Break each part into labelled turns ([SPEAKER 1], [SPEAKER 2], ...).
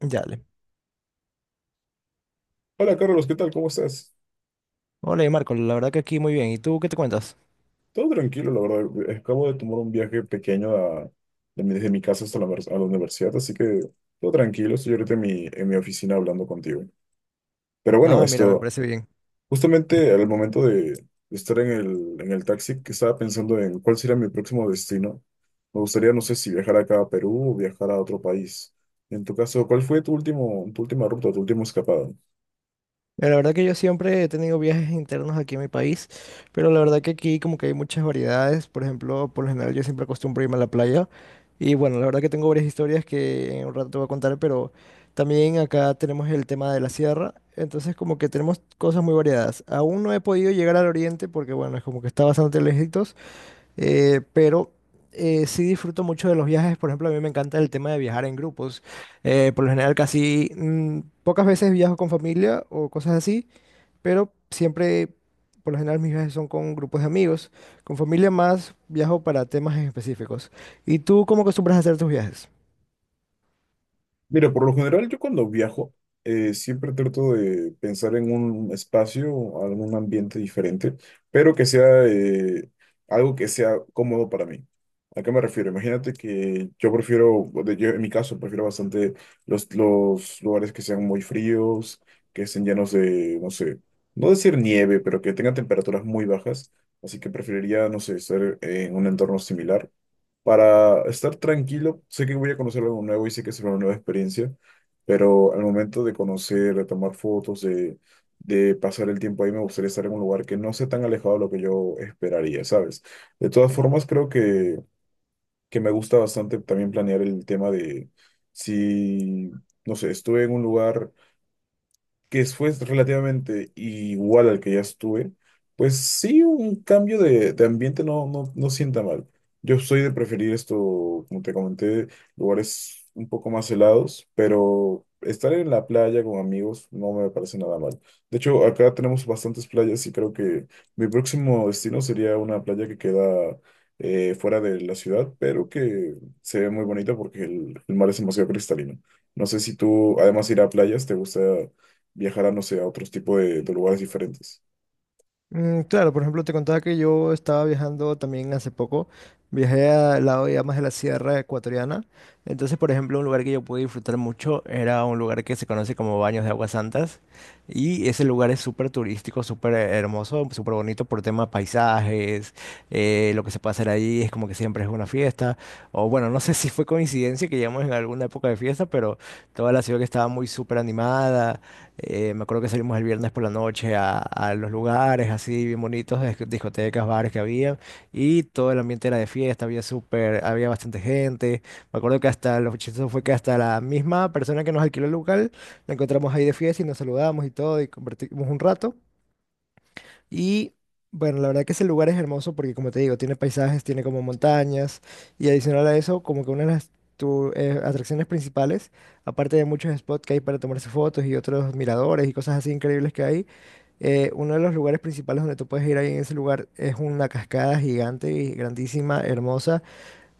[SPEAKER 1] Ya, dale.
[SPEAKER 2] Hola Carlos, ¿qué tal? ¿Cómo estás?
[SPEAKER 1] Hola, y Marco, la verdad que aquí muy bien. ¿Y tú qué te cuentas?
[SPEAKER 2] Todo tranquilo, la verdad. Acabo de tomar un viaje pequeño desde mi casa hasta a la universidad, así que todo tranquilo. Estoy ahorita en mi oficina hablando contigo. Pero bueno,
[SPEAKER 1] Ah, mira, me
[SPEAKER 2] esto,
[SPEAKER 1] parece bien.
[SPEAKER 2] justamente al momento de estar en el taxi, que estaba pensando en cuál sería mi próximo destino. Me gustaría, no sé si viajar acá a Perú o viajar a otro país. En tu caso, ¿cuál fue tu última ruta, tu último escapada?
[SPEAKER 1] Mira, la verdad que yo siempre he tenido viajes internos aquí en mi país, pero la verdad que aquí como que hay muchas variedades. Por ejemplo, por lo general yo siempre acostumbro irme a la playa. Y bueno, la verdad que tengo varias historias que en un rato te voy a contar, pero también acá tenemos el tema de la sierra. Entonces como que tenemos cosas muy variadas. Aún no he podido llegar al oriente porque bueno, es como que está bastante lejitos. Pero sí disfruto mucho de los viajes. Por ejemplo, a mí me encanta el tema de viajar en grupos. Por lo general, casi pocas veces viajo con familia o cosas así, pero siempre, por lo general, mis viajes son con grupos de amigos. Con familia más viajo para temas en específicos. ¿Y tú cómo acostumbras a hacer tus viajes?
[SPEAKER 2] Mira, por lo general yo cuando viajo siempre trato de pensar en un espacio, algún ambiente diferente, pero que sea algo que sea cómodo para mí. ¿A qué me refiero? Imagínate que yo yo en mi caso prefiero bastante los lugares que sean muy fríos, que estén llenos de, no sé, no decir nieve, pero que tengan temperaturas muy bajas. Así que preferiría, no sé, estar en un entorno similar. Para estar tranquilo, sé que voy a conocer algo nuevo y sé que será una nueva experiencia, pero al momento de conocer, de tomar fotos, de pasar el tiempo ahí, me gustaría estar en un lugar que no sea tan alejado de lo que yo esperaría, ¿sabes? De todas formas, creo que me gusta bastante también planear el tema de si, no sé, estuve en un lugar que fue relativamente igual al que ya estuve, pues sí, un cambio de ambiente no sienta mal. Yo soy de preferir esto, como te comenté, lugares un poco más helados, pero estar en la playa con amigos no me parece nada mal. De hecho, acá tenemos bastantes playas y creo que mi próximo destino sería una playa que queda fuera de la ciudad, pero que se ve muy bonita porque el mar es demasiado cristalino. No sé si tú, además de ir a playas, te gusta viajar a, no sé, a otros tipos de lugares diferentes.
[SPEAKER 1] Mm, claro, por ejemplo, te contaba que yo estaba viajando también hace poco. Viajé al lado ya más de la sierra ecuatoriana. Entonces, por ejemplo, un lugar que yo pude disfrutar mucho era un lugar que se conoce como Baños de Aguas Santas. Y ese lugar es súper turístico, súper hermoso, súper bonito por temas paisajes. Lo que se puede hacer ahí es como que siempre es una fiesta. O bueno, no sé si fue coincidencia que llegamos en alguna época de fiesta, pero toda la ciudad que estaba muy súper animada. Me acuerdo que salimos el viernes por la noche a los lugares así bien bonitos, discotecas, bares que había, y todo el ambiente era de fiesta, había súper, había bastante gente. Me acuerdo que hasta lo chistoso fue que hasta la misma persona que nos alquiló el local la encontramos ahí de fiesta y nos saludamos y todo, y compartimos un rato. Y bueno, la verdad que ese lugar es hermoso porque, como te digo, tiene paisajes, tiene como montañas y adicional a eso, como que una de las atracciones principales, aparte de muchos spots que hay para tomarse fotos y otros miradores y cosas así increíbles que hay, uno de los lugares principales donde tú puedes ir ahí en ese lugar es una cascada gigante y grandísima, hermosa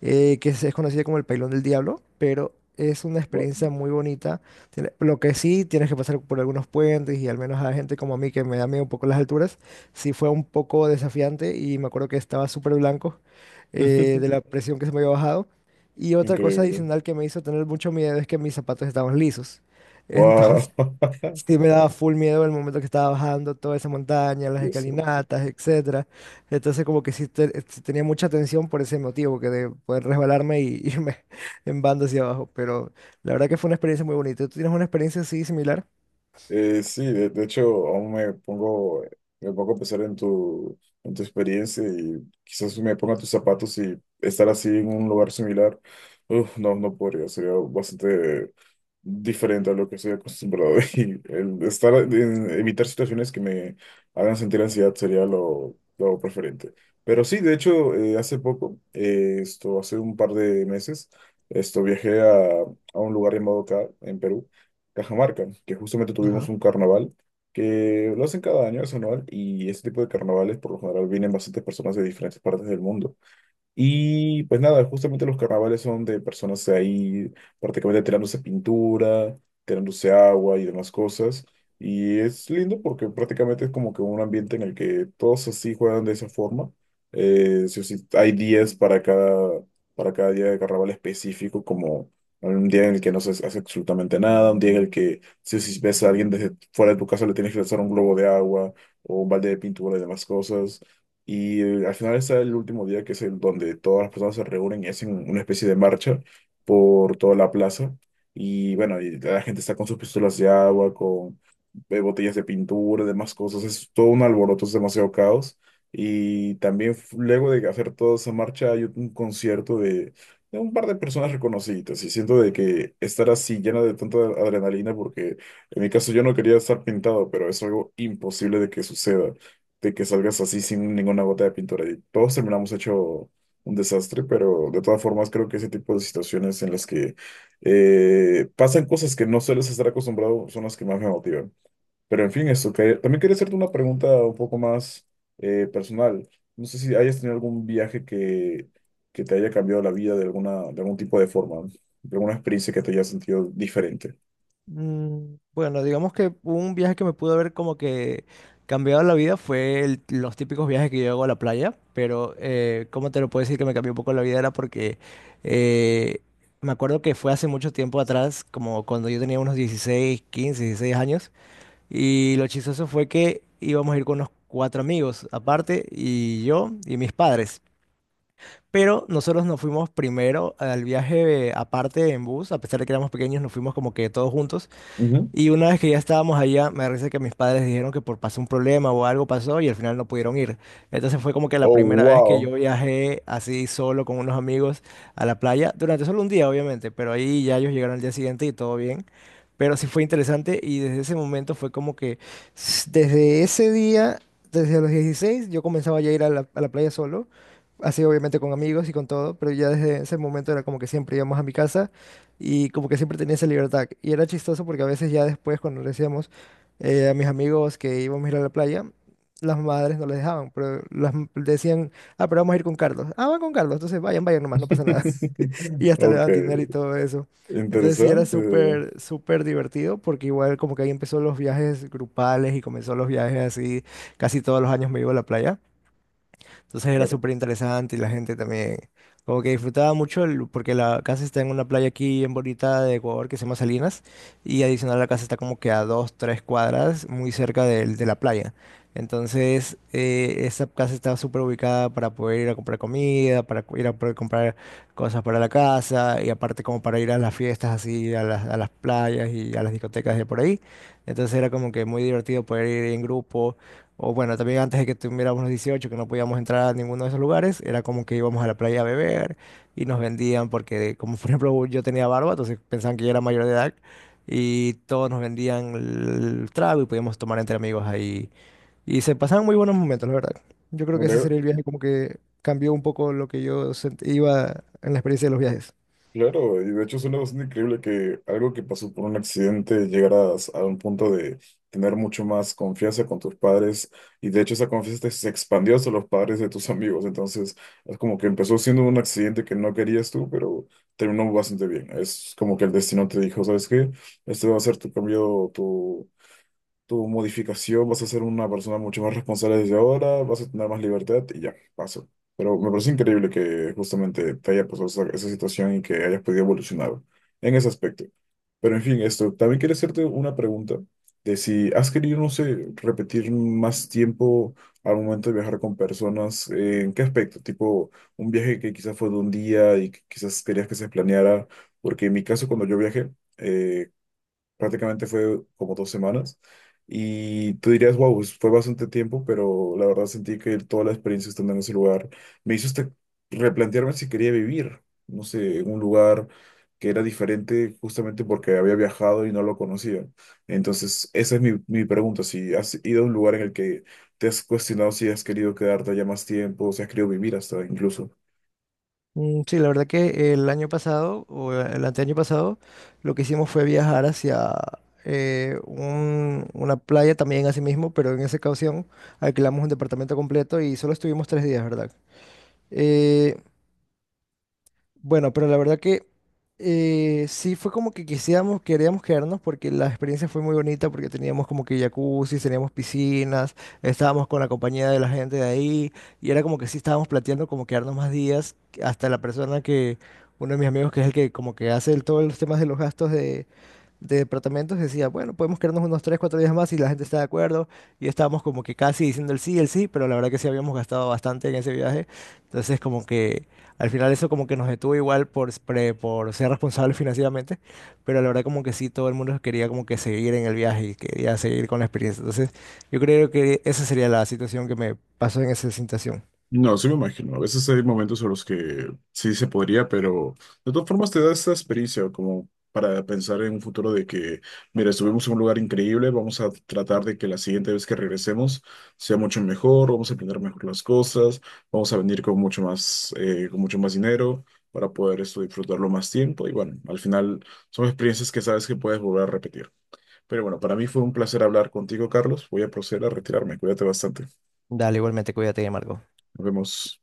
[SPEAKER 1] es conocida como el Pailón del Diablo, pero es una
[SPEAKER 2] Guau.
[SPEAKER 1] experiencia muy bonita. Lo que sí, tienes que pasar por algunos puentes y al menos a gente como a mí que me da miedo un poco las alturas, sí fue un poco desafiante y me acuerdo que estaba súper blanco de la presión que se me había bajado. Y otra cosa
[SPEAKER 2] Increíble.
[SPEAKER 1] adicional que me hizo tener mucho miedo es que mis zapatos estaban lisos.
[SPEAKER 2] Wow.
[SPEAKER 1] Entonces. Sí, me daba full miedo el momento que estaba bajando toda esa montaña, las
[SPEAKER 2] Dios.
[SPEAKER 1] escalinatas, etcétera. Entonces como que sí, sí tenía mucha tensión por ese motivo, que de poder resbalarme y irme en banda hacia abajo. Pero la verdad que fue una experiencia muy bonita. ¿Tú tienes una experiencia así similar?
[SPEAKER 2] Sí, de hecho, aún me me pongo a pensar en tu experiencia y quizás me ponga tus zapatos y estar así en un lugar similar. Uf, no, no podría, sería bastante diferente a lo que estoy acostumbrado. Y el evitar situaciones que me hagan sentir ansiedad sería lo preferente. Pero sí, de hecho, hace poco, hace un par de meses, esto, viajé a un lugar llamado acá, en Perú. Cajamarca, que justamente tuvimos
[SPEAKER 1] Ajá.
[SPEAKER 2] un carnaval que lo hacen cada año, es anual, y este tipo de carnavales por lo general vienen bastantes personas de diferentes partes del mundo. Y pues nada, justamente los carnavales son de personas ahí prácticamente tirándose pintura, tirándose agua y demás cosas. Y es lindo porque prácticamente es como que un ambiente en el que todos así juegan de esa forma. Sí o sí, hay días para para cada día de carnaval específico, como un día en el que no se hace absolutamente nada, un día en el que sí o sí, ves a alguien desde fuera de tu casa le tienes que lanzar un globo de agua o un balde de pintura y demás cosas. Y al final está el último día, que es el donde todas las personas se reúnen y hacen una especie de marcha por toda la plaza. Y bueno, y la gente está con sus pistolas de agua, con botellas de pintura, demás cosas. Es todo un alboroto, es demasiado caos. Y también luego de hacer toda esa marcha hay un concierto de un par de personas reconocidas. Y siento de que estar así llena de tanta adrenalina, porque en mi caso yo no quería estar pintado, pero es algo imposible de que suceda de que salgas así sin ninguna gota de pintura. Y todos terminamos hecho un desastre, pero de todas formas creo que ese tipo de situaciones en las que pasan cosas que no sueles estar acostumbrado son las que más me motivan. Pero en fin, eso. También quería hacerte una pregunta un poco más personal. No sé si hayas tenido algún viaje que te haya cambiado la vida de de algún tipo de forma, de alguna experiencia que te haya sentido diferente.
[SPEAKER 1] Mm, bueno, digamos que un viaje que me pudo haber como que cambiado la vida fue los típicos viajes que yo hago a la playa, pero ¿cómo te lo puedo decir que me cambió un poco la vida? Era porque eh, me acuerdo que fue hace mucho tiempo atrás, como cuando yo tenía unos 16, 15, 16 años, y lo chistoso fue que íbamos a ir con unos cuatro amigos aparte, y yo y mis padres. Pero nosotros nos fuimos primero al viaje aparte en bus, a pesar de que éramos pequeños, nos fuimos como que todos juntos.
[SPEAKER 2] Ujú.
[SPEAKER 1] Y una vez que ya estábamos allá, me parece que mis padres dijeron que por pasó un problema o algo pasó y al final no pudieron ir. Entonces fue como que la
[SPEAKER 2] Oh,
[SPEAKER 1] primera vez que yo
[SPEAKER 2] wow.
[SPEAKER 1] viajé así solo con unos amigos a la playa, durante solo un día obviamente, pero ahí ya ellos llegaron al día siguiente y todo bien. Pero sí fue interesante y desde ese momento fue como que desde ese día, desde los 16 yo comenzaba ya a ir a a la playa solo, así obviamente con amigos y con todo, pero ya desde ese momento era como que siempre íbamos a mi casa y como que siempre tenía esa libertad. Y era chistoso porque a veces ya después, cuando le decíamos a mis amigos que íbamos a ir a la playa, las madres no les dejaban, pero decían, ah, pero vamos a ir con Carlos. Ah, van con Carlos, entonces vayan, vayan nomás, no pasa nada. Y hasta le
[SPEAKER 2] Ok,
[SPEAKER 1] daban dinero y todo eso. Entonces sí era
[SPEAKER 2] interesante.
[SPEAKER 1] súper, súper divertido porque igual como que ahí empezó los viajes grupales y comenzó los viajes así, casi todos los años me iba a la playa. Entonces era
[SPEAKER 2] Claro.
[SPEAKER 1] súper interesante y la gente también como que disfrutaba mucho porque la casa está en una playa aquí en bonita de Ecuador que se llama Salinas y adicional la casa está como que a 2, 3 cuadras muy cerca de la playa. Entonces esa casa estaba súper ubicada para poder ir a comprar comida, para ir a poder comprar cosas para la casa y aparte como para ir a las fiestas así, a a las playas y a las discotecas de por ahí. Entonces era como que muy divertido poder ir en grupo o bueno, también antes de que tuviéramos los 18 que no podíamos entrar a ninguno de esos lugares, era como que íbamos a la playa a beber y nos vendían, porque como por ejemplo yo tenía barba, entonces pensaban que yo era mayor de edad y todos nos vendían el trago y podíamos tomar entre amigos ahí. Y se pasaban muy buenos momentos, la verdad. Yo creo que ese
[SPEAKER 2] Claro,
[SPEAKER 1] sería el viaje como que cambió un poco lo que yo iba en la experiencia de los viajes.
[SPEAKER 2] claro, y de hecho suena bastante increíble que algo que pasó por un accidente llegaras a un punto de tener mucho más confianza con tus padres y de hecho esa confianza se expandió hacia los padres de tus amigos, entonces es como que empezó siendo un accidente que no querías tú, pero terminó bastante bien. Es como que el destino te dijo, ¿sabes qué? Este va a ser tu cambio, tu modificación, vas a ser una persona mucho más responsable desde ahora, vas a tener más libertad y ya, paso. Pero me parece increíble que justamente te haya pasado esa situación y que hayas podido evolucionar en ese aspecto. Pero en fin, esto, también quería hacerte una pregunta de si has querido, no sé, repetir más tiempo al momento de viajar con personas, ¿en qué aspecto? Tipo, un viaje que quizás fue de un día y que quizás querías que se planeara, porque en mi caso cuando yo viajé, eh, prácticamente fue como 2 semanas. Y tú dirías, wow, fue bastante tiempo, pero la verdad sentí que toda la experiencia estando en ese lugar me hizo hasta replantearme si quería vivir, no sé, en un lugar que era diferente justamente porque había viajado y no lo conocía. Entonces, esa es mi pregunta, si has ido a un lugar en el que te has cuestionado si has querido quedarte allá más tiempo, si has querido vivir hasta incluso.
[SPEAKER 1] Mm, sí, la verdad que el año pasado o el anteaño pasado lo que hicimos fue viajar hacia una playa también así mismo, pero en esa ocasión alquilamos un departamento completo y solo estuvimos 3 días, ¿verdad? Eh, bueno, pero la verdad que sí fue como que quisiéramos, queríamos quedarnos porque la experiencia fue muy bonita, porque teníamos como que jacuzzi, teníamos piscinas, estábamos con la compañía de la gente de ahí, y era como que sí estábamos planteando como quedarnos más días, que hasta la persona uno de mis amigos que es el que como que hace todos los temas de los gastos de departamentos decía, bueno, podemos quedarnos unos 3 4 días más y la gente está de acuerdo. Y estábamos como que casi diciendo el sí, pero la verdad que sí habíamos gastado bastante en ese viaje. Entonces como que al final eso como que nos detuvo igual por, por ser responsables financieramente, pero la verdad como que sí, todo el mundo quería como que seguir en el viaje y quería seguir con la experiencia. Entonces yo creo que esa sería la situación que me pasó en esa situación.
[SPEAKER 2] No, sí me imagino. A veces hay momentos en los que sí se podría, pero de todas formas te da esa experiencia como para pensar en un futuro de que, mira, estuvimos en un lugar increíble, vamos a tratar de que la siguiente vez que regresemos sea mucho mejor, vamos a aprender mejor las cosas, vamos a venir con mucho más dinero para poder esto disfrutarlo más tiempo. Y bueno, al final son experiencias que sabes que puedes volver a repetir. Pero bueno, para mí fue un placer hablar contigo, Carlos. Voy a proceder a retirarme. Cuídate bastante.
[SPEAKER 1] Dale, igualmente, cuídate, Marco.
[SPEAKER 2] Nos vemos.